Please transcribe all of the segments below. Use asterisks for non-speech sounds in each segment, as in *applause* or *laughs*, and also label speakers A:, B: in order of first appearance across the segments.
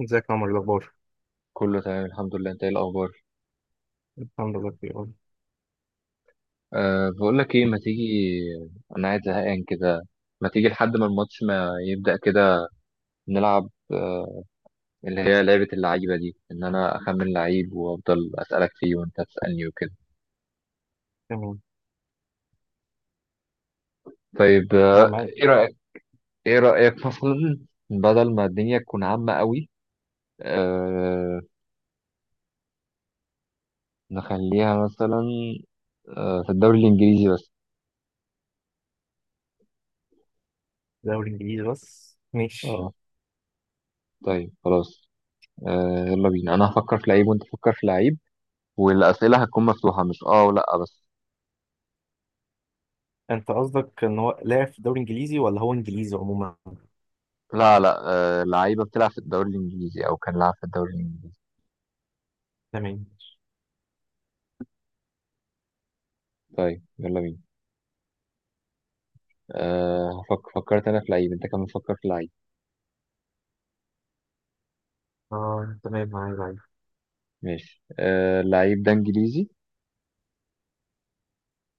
A: ازيك يا عمر؟ إيه الاخبار؟
B: كله تمام، الحمد لله. انت ايه الاخبار؟
A: الحمد لله بخير والله.
B: أه، بقول لك ايه، ما تيجي. انا قاعد زهقان كده. ما تيجي لحد ما الماتش ما يبدأ كده نلعب، اللي هي لعبة اللعيبة دي ان انا اخمن لعيب وافضل اسألك فيه وانت تسألني وكده.
A: تمام.
B: طيب،
A: انا معاك.
B: ايه رأيك؟ ايه رأيك *laughs* مثلا؟ بدل ما الدنيا تكون عامة قوي، أه نخليها مثلا، في الدوري الانجليزي بس.
A: دوري انجليزي بس، ماشي.
B: اه طيب، خلاص. يلا بينا، انا هفكر في لعيب وانت فكر في لعيب، والأسئلة هتكون مفتوحة، مش اه ولا بس.
A: انت قصدك ان هو لاعب في دوري انجليزي ولا هو انجليزي عموما؟
B: لا، لا، آه، لعيبة بتلعب في الدوري الإنجليزي أو كان لعب في الدوري الإنجليزي.
A: تمام.
B: طيب، يلا بينا. فكرت أنا في لعيب، أنت كمان فكر في لعيب.
A: اه، تمام، معايا معايا.
B: ماشي، اللعيب ده إنجليزي؟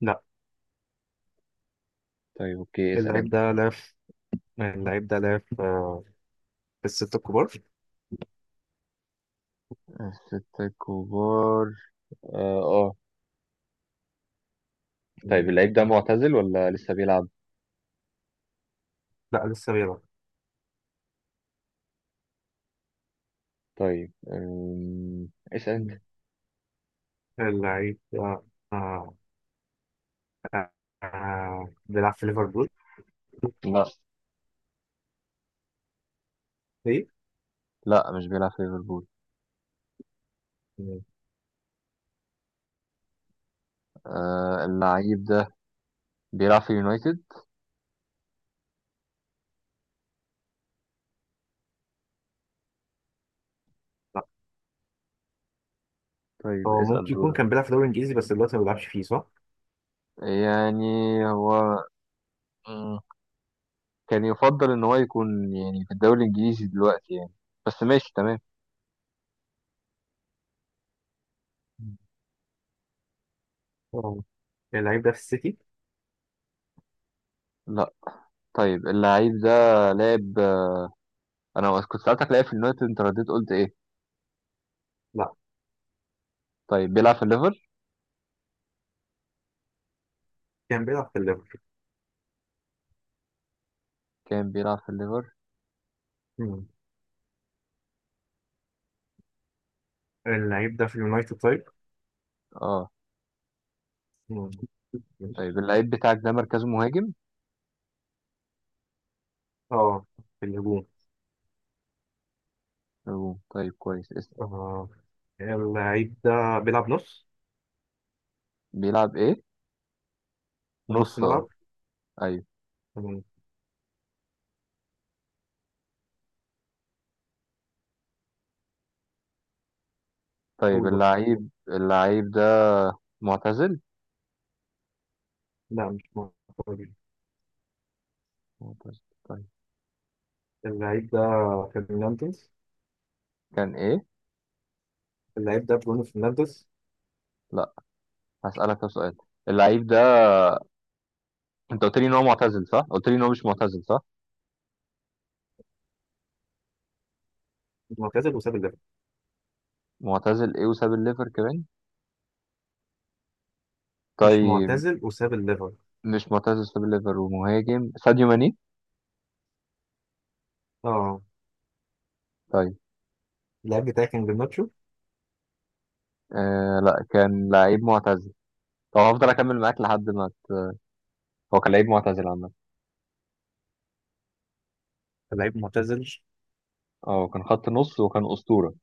A: لا،
B: طيب، أوكي، اسأل
A: اللعيب
B: أنت.
A: ده لاعب في- اللعيب ده لاعب في في الستة الكبار.
B: ستة كبار؟ اه، آه. طيب،
A: تمام.
B: اللعيب ده معتزل ولا لسه بيلعب؟
A: لا، لسه بيلعب.
B: طيب، اسأل أنت.
A: مم. اللعيب ده آه، آه، بيلعب في ليفربول.
B: لا،
A: ايه.
B: لا مش بيلعب في ليفربول.
A: تمام.
B: اللعيب ده بيلعب في يونايتد؟
A: لا،
B: طيب،
A: هو
B: اسأل
A: ممكن يكون
B: دورك.
A: كان بيلعب في دوري انجليزي، بس دلوقتي ما بيلعبش فيه، صح؟
B: يعني هو كان يفضل ان هو يكون يعني في الدوري الانجليزي دلوقتي يعني. بس ماشي، تمام.
A: مم. اه، اللعيب ده في السيتي؟
B: لا. طيب، اللعيب ده لعب. انا كنت سألتك لعب في اليونايتد، انت رديت قلت ايه؟
A: لا.
B: طيب، بيلعب في الليفر؟
A: كان بيلعب في الليفر.
B: كان بيلعب في الليفر.
A: مم. اللعيب ده في اليونايتد، طيب.
B: اه.
A: مم. ماشي.
B: طيب، اللعيب بتاعك ده مركزه مهاجم؟
A: اه، في الهجوم.
B: أوه. طيب، كويس. اسم،
A: اه، اللعيب ده بيلعب نص
B: بيلعب ايه؟
A: نص
B: نص،
A: ملعب.
B: اه. ايوه.
A: مم.
B: طيب،
A: قول بقى.
B: اللعيب ده معتزل؟
A: لا، مش معترض.
B: معتزل. طيب،
A: اللعيب ده فرنانديز.
B: كان ايه؟
A: اللعيب ده برونو فرنانديز.
B: لا، هسألك ده سؤال. اللعيب ده، انت قلت لي ان هو معتزل، صح؟ قلت لي ان هو مش معتزل، صح؟
A: معتزل وساب الليفر.
B: معتزل ايه وساب الليفر كمان؟
A: مش
B: طيب.
A: معتزل وساب الليفر.
B: مش معتزل، ساب الليفر، ومهاجم ساديو ماني.
A: اه،
B: طيب.
A: اللعيب بتاعي كان جرناتشو.
B: آه، لا، كان لعيب معتزل. طب هفضل اكمل معاك لحد ما هو كان لعيب معتزل عامة.
A: اللعيب معتزل.
B: اه، كان خط نص وكان اسطورة.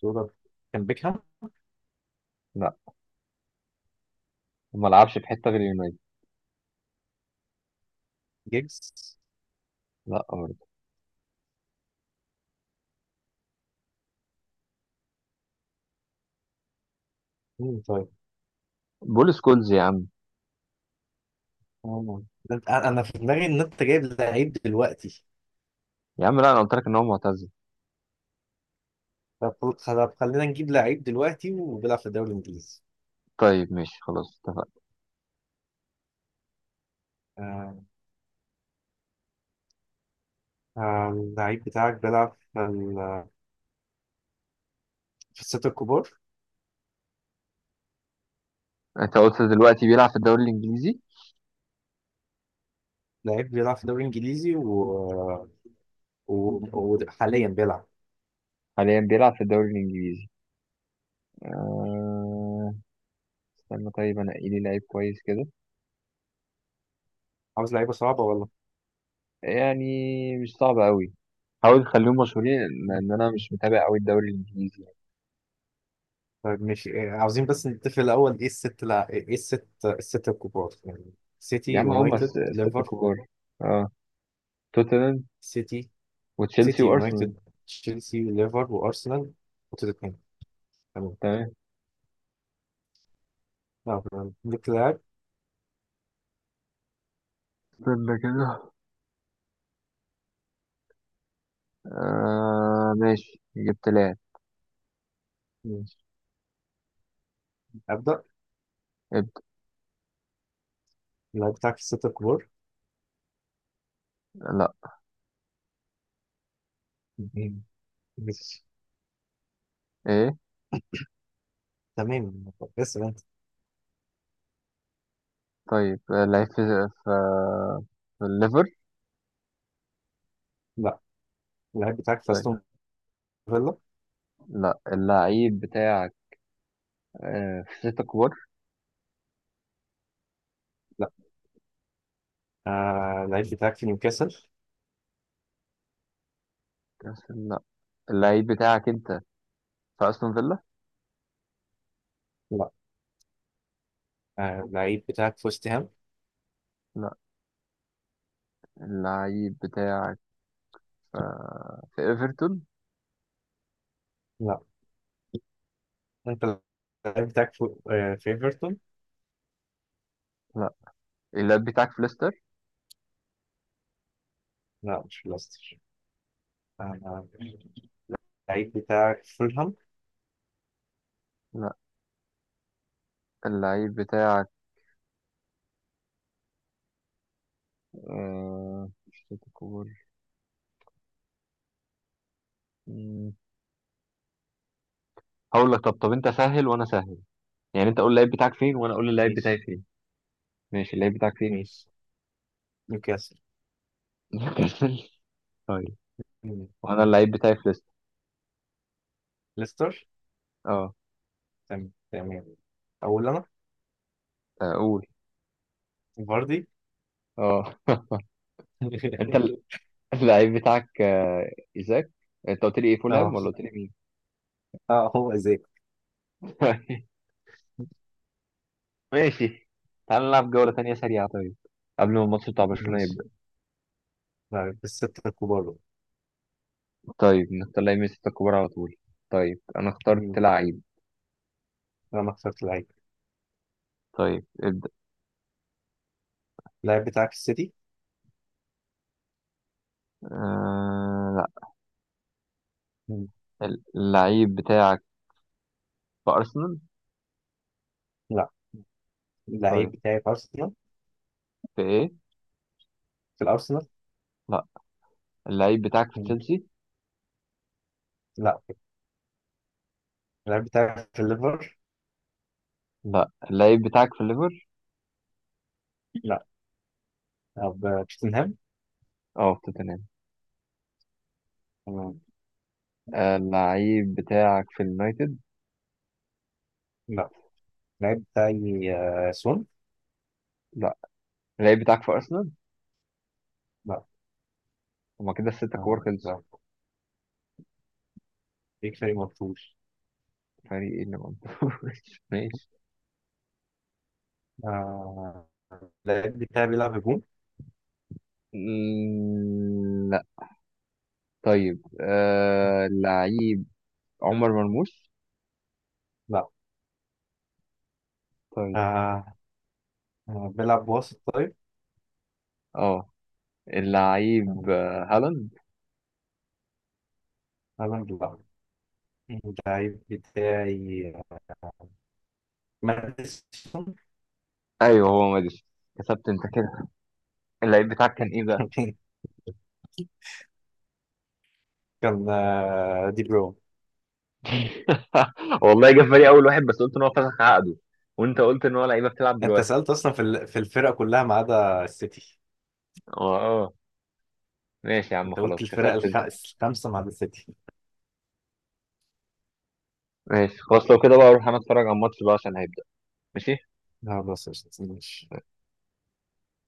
A: صورة. كان بيكهام.
B: لا، ما لعبش في حتة غير يونايتد.
A: جيجز.
B: لا، برضه.
A: مم، طيب.
B: بول سكولز يا عم.
A: آه. انا في دماغي ان انت جايب لعيب دلوقتي.
B: يا عم، لا، انا قلت لك ان هو معتزل.
A: طب طب، خلينا نجيب لعيب دلوقتي وبيلعب في الدوري الانجليزي.
B: طيب، ماشي، خلاص، اتفقنا.
A: آه، اللعيب بتاعك بيلعب في في الستة الكبار.
B: انت قلت دلوقتي بيلعب في الدوري الانجليزي؟
A: لعيب بيلعب في الدوري الانجليزي و... وحاليا بيلعب.
B: حاليا بيلعب في الدوري الانجليزي. آه... استنى، طيب انا إيه لي لعيب كويس كده؟
A: عاوز لعيبه صعبه ولا؟
B: يعني مش صعب قوي، حاول تخليهم مشهورين، إن انا مش متابع قوي الدوري الانجليزي.
A: طيب، ماشي. إيه، عاوزين بس نتفق الاول. ايه الستة الكبار يعني؟ سيتي،
B: يا عم، هم
A: يونايتد،
B: الستة
A: ليفر.
B: كبار. اه، توتنهام
A: سيتي.
B: وتشيلسي
A: سيتي،
B: وارسنال.
A: يونايتد، تشيلسي، ليفر، وارسنال، وتوتنهام. تمام.
B: تمام.
A: ليك لاعب.
B: استنى كده. ماشي، جبت لاعب.
A: ماشي. ابدا.
B: ابدا.
A: اللاعب بتاعك في الستة
B: لا.
A: الكبار؟ مش.
B: ايه؟
A: تمام. بس انت.
B: طيب، لعيب في في في الليفر؟
A: لا، اللعيب بتاعك في
B: طيب.
A: استون فيلا.
B: لا، اللعيب بتاعك في ستة كبار؟
A: لا. اللعيب بتاعك في نيوكاسل.
B: لا، اللعيب بتاعك انت في استون فيلا؟
A: لا. اللعيب بتاعك في وست هام.
B: لا، اللعيب بتاعك في في ايفرتون؟
A: لا، انت. اللعيب بتاعك في ايفرتون.
B: لا، اللعيب بتاعك في ليستر؟
A: لا، مش في ليستر. آه اللعيب بتاعك في فولهام.
B: لا، اللعيب بتاعك، شوت كور. مم. هقول لك، طب، طب انت سهل وانا سهل، يعني انت قول اللعيب بتاعك فين وانا اقول اللعيب بتاعي
A: مش
B: فين. ماشي، اللعيب بتاعك فين؟
A: مش نيوكاسل.
B: *laughs* طيب.
A: مم.
B: وانا اللعيب بتاعي في ليستر.
A: ليستر.
B: اه.
A: تمام تمام. اقول انا.
B: آه، قول.
A: فاردي.
B: اه *laughs* انت
A: *laughs*
B: اللعيب بتاعك، ايزاك. انت قلت لي ايه، فولهام
A: اه
B: ولا قلت لي مين؟
A: اه، هو ازاي؟
B: *laughs* طيب. ماشي. تعال نلعب جولة تانية سريعة، طيب، قبل ما الماتش بتاع برشلونة
A: ماشي.
B: يبدأ.
A: لا، بالستة الكبار دول.
B: طيب، نختار لعيب من الستة الكبار على طول. طيب، انا اخترت
A: مم.
B: لعيب.
A: انا ما اخترت اللعيب.
B: طيب، ابدأ.
A: اللعيب بتاعك في السيتي.
B: آه...
A: مم.
B: اللعيب بتاعك في أرسنال؟
A: لا. اللعيب
B: طيب،
A: بتاعي في أرسنال.
B: في إيه؟
A: في الأرسنال.
B: لا، اللعيب بتاعك في
A: مم.
B: تشيلسي؟
A: لا، اللعيب بتاعي في الليفر.
B: لا، اللعيب بتاعك في الليفر؟
A: لا. طب، توتنهام.
B: اه، في توتنهام.
A: مم.
B: اللعيب بتاعك في اليونايتد؟
A: لا، اللعيب بتاعي سون.
B: لا، اللعيب بتاعك في أرسنال؟
A: لا.
B: هما كده الستة كور خلصوا.
A: لا. بيك فريق مرفوض.
B: فريق ايه اللي منطقه؟ *laughs* ماشي.
A: آه، اللعيب بتاعي بيلعب هجوم.
B: مم، لا. طيب، اللعيب عمر مرموش؟
A: لا.
B: طيب.
A: آه، بيلعب وسط، طيب.
B: اه، اللعيب
A: مم.
B: هالاند؟
A: هالاند؟ لا. اللعيب بتاعي ماديسون.
B: ايوه، هو ماديسون. كسبت انت كده. اللعيب بتاعك كان ايه بقى؟
A: *laughs* كان دي بروين.
B: *laughs* والله جه في بالي اول واحد، بس قلت ان هو فسخ عقده، وانت قلت ان هو لعيبه بتلعب
A: انت
B: دلوقتي.
A: سألت اصلا في في الفرقة كلها ما عدا السيتي.
B: اه، اه. ماشي يا عم،
A: انت قلت
B: خلاص،
A: الفرق
B: كسبت انت.
A: الخمسه مع السيتي.
B: ماشي، خلاص، لو كده بقى اروح انا اتفرج على الماتش بقى عشان هيبدأ. ماشي.
A: لا، بس. ماشي.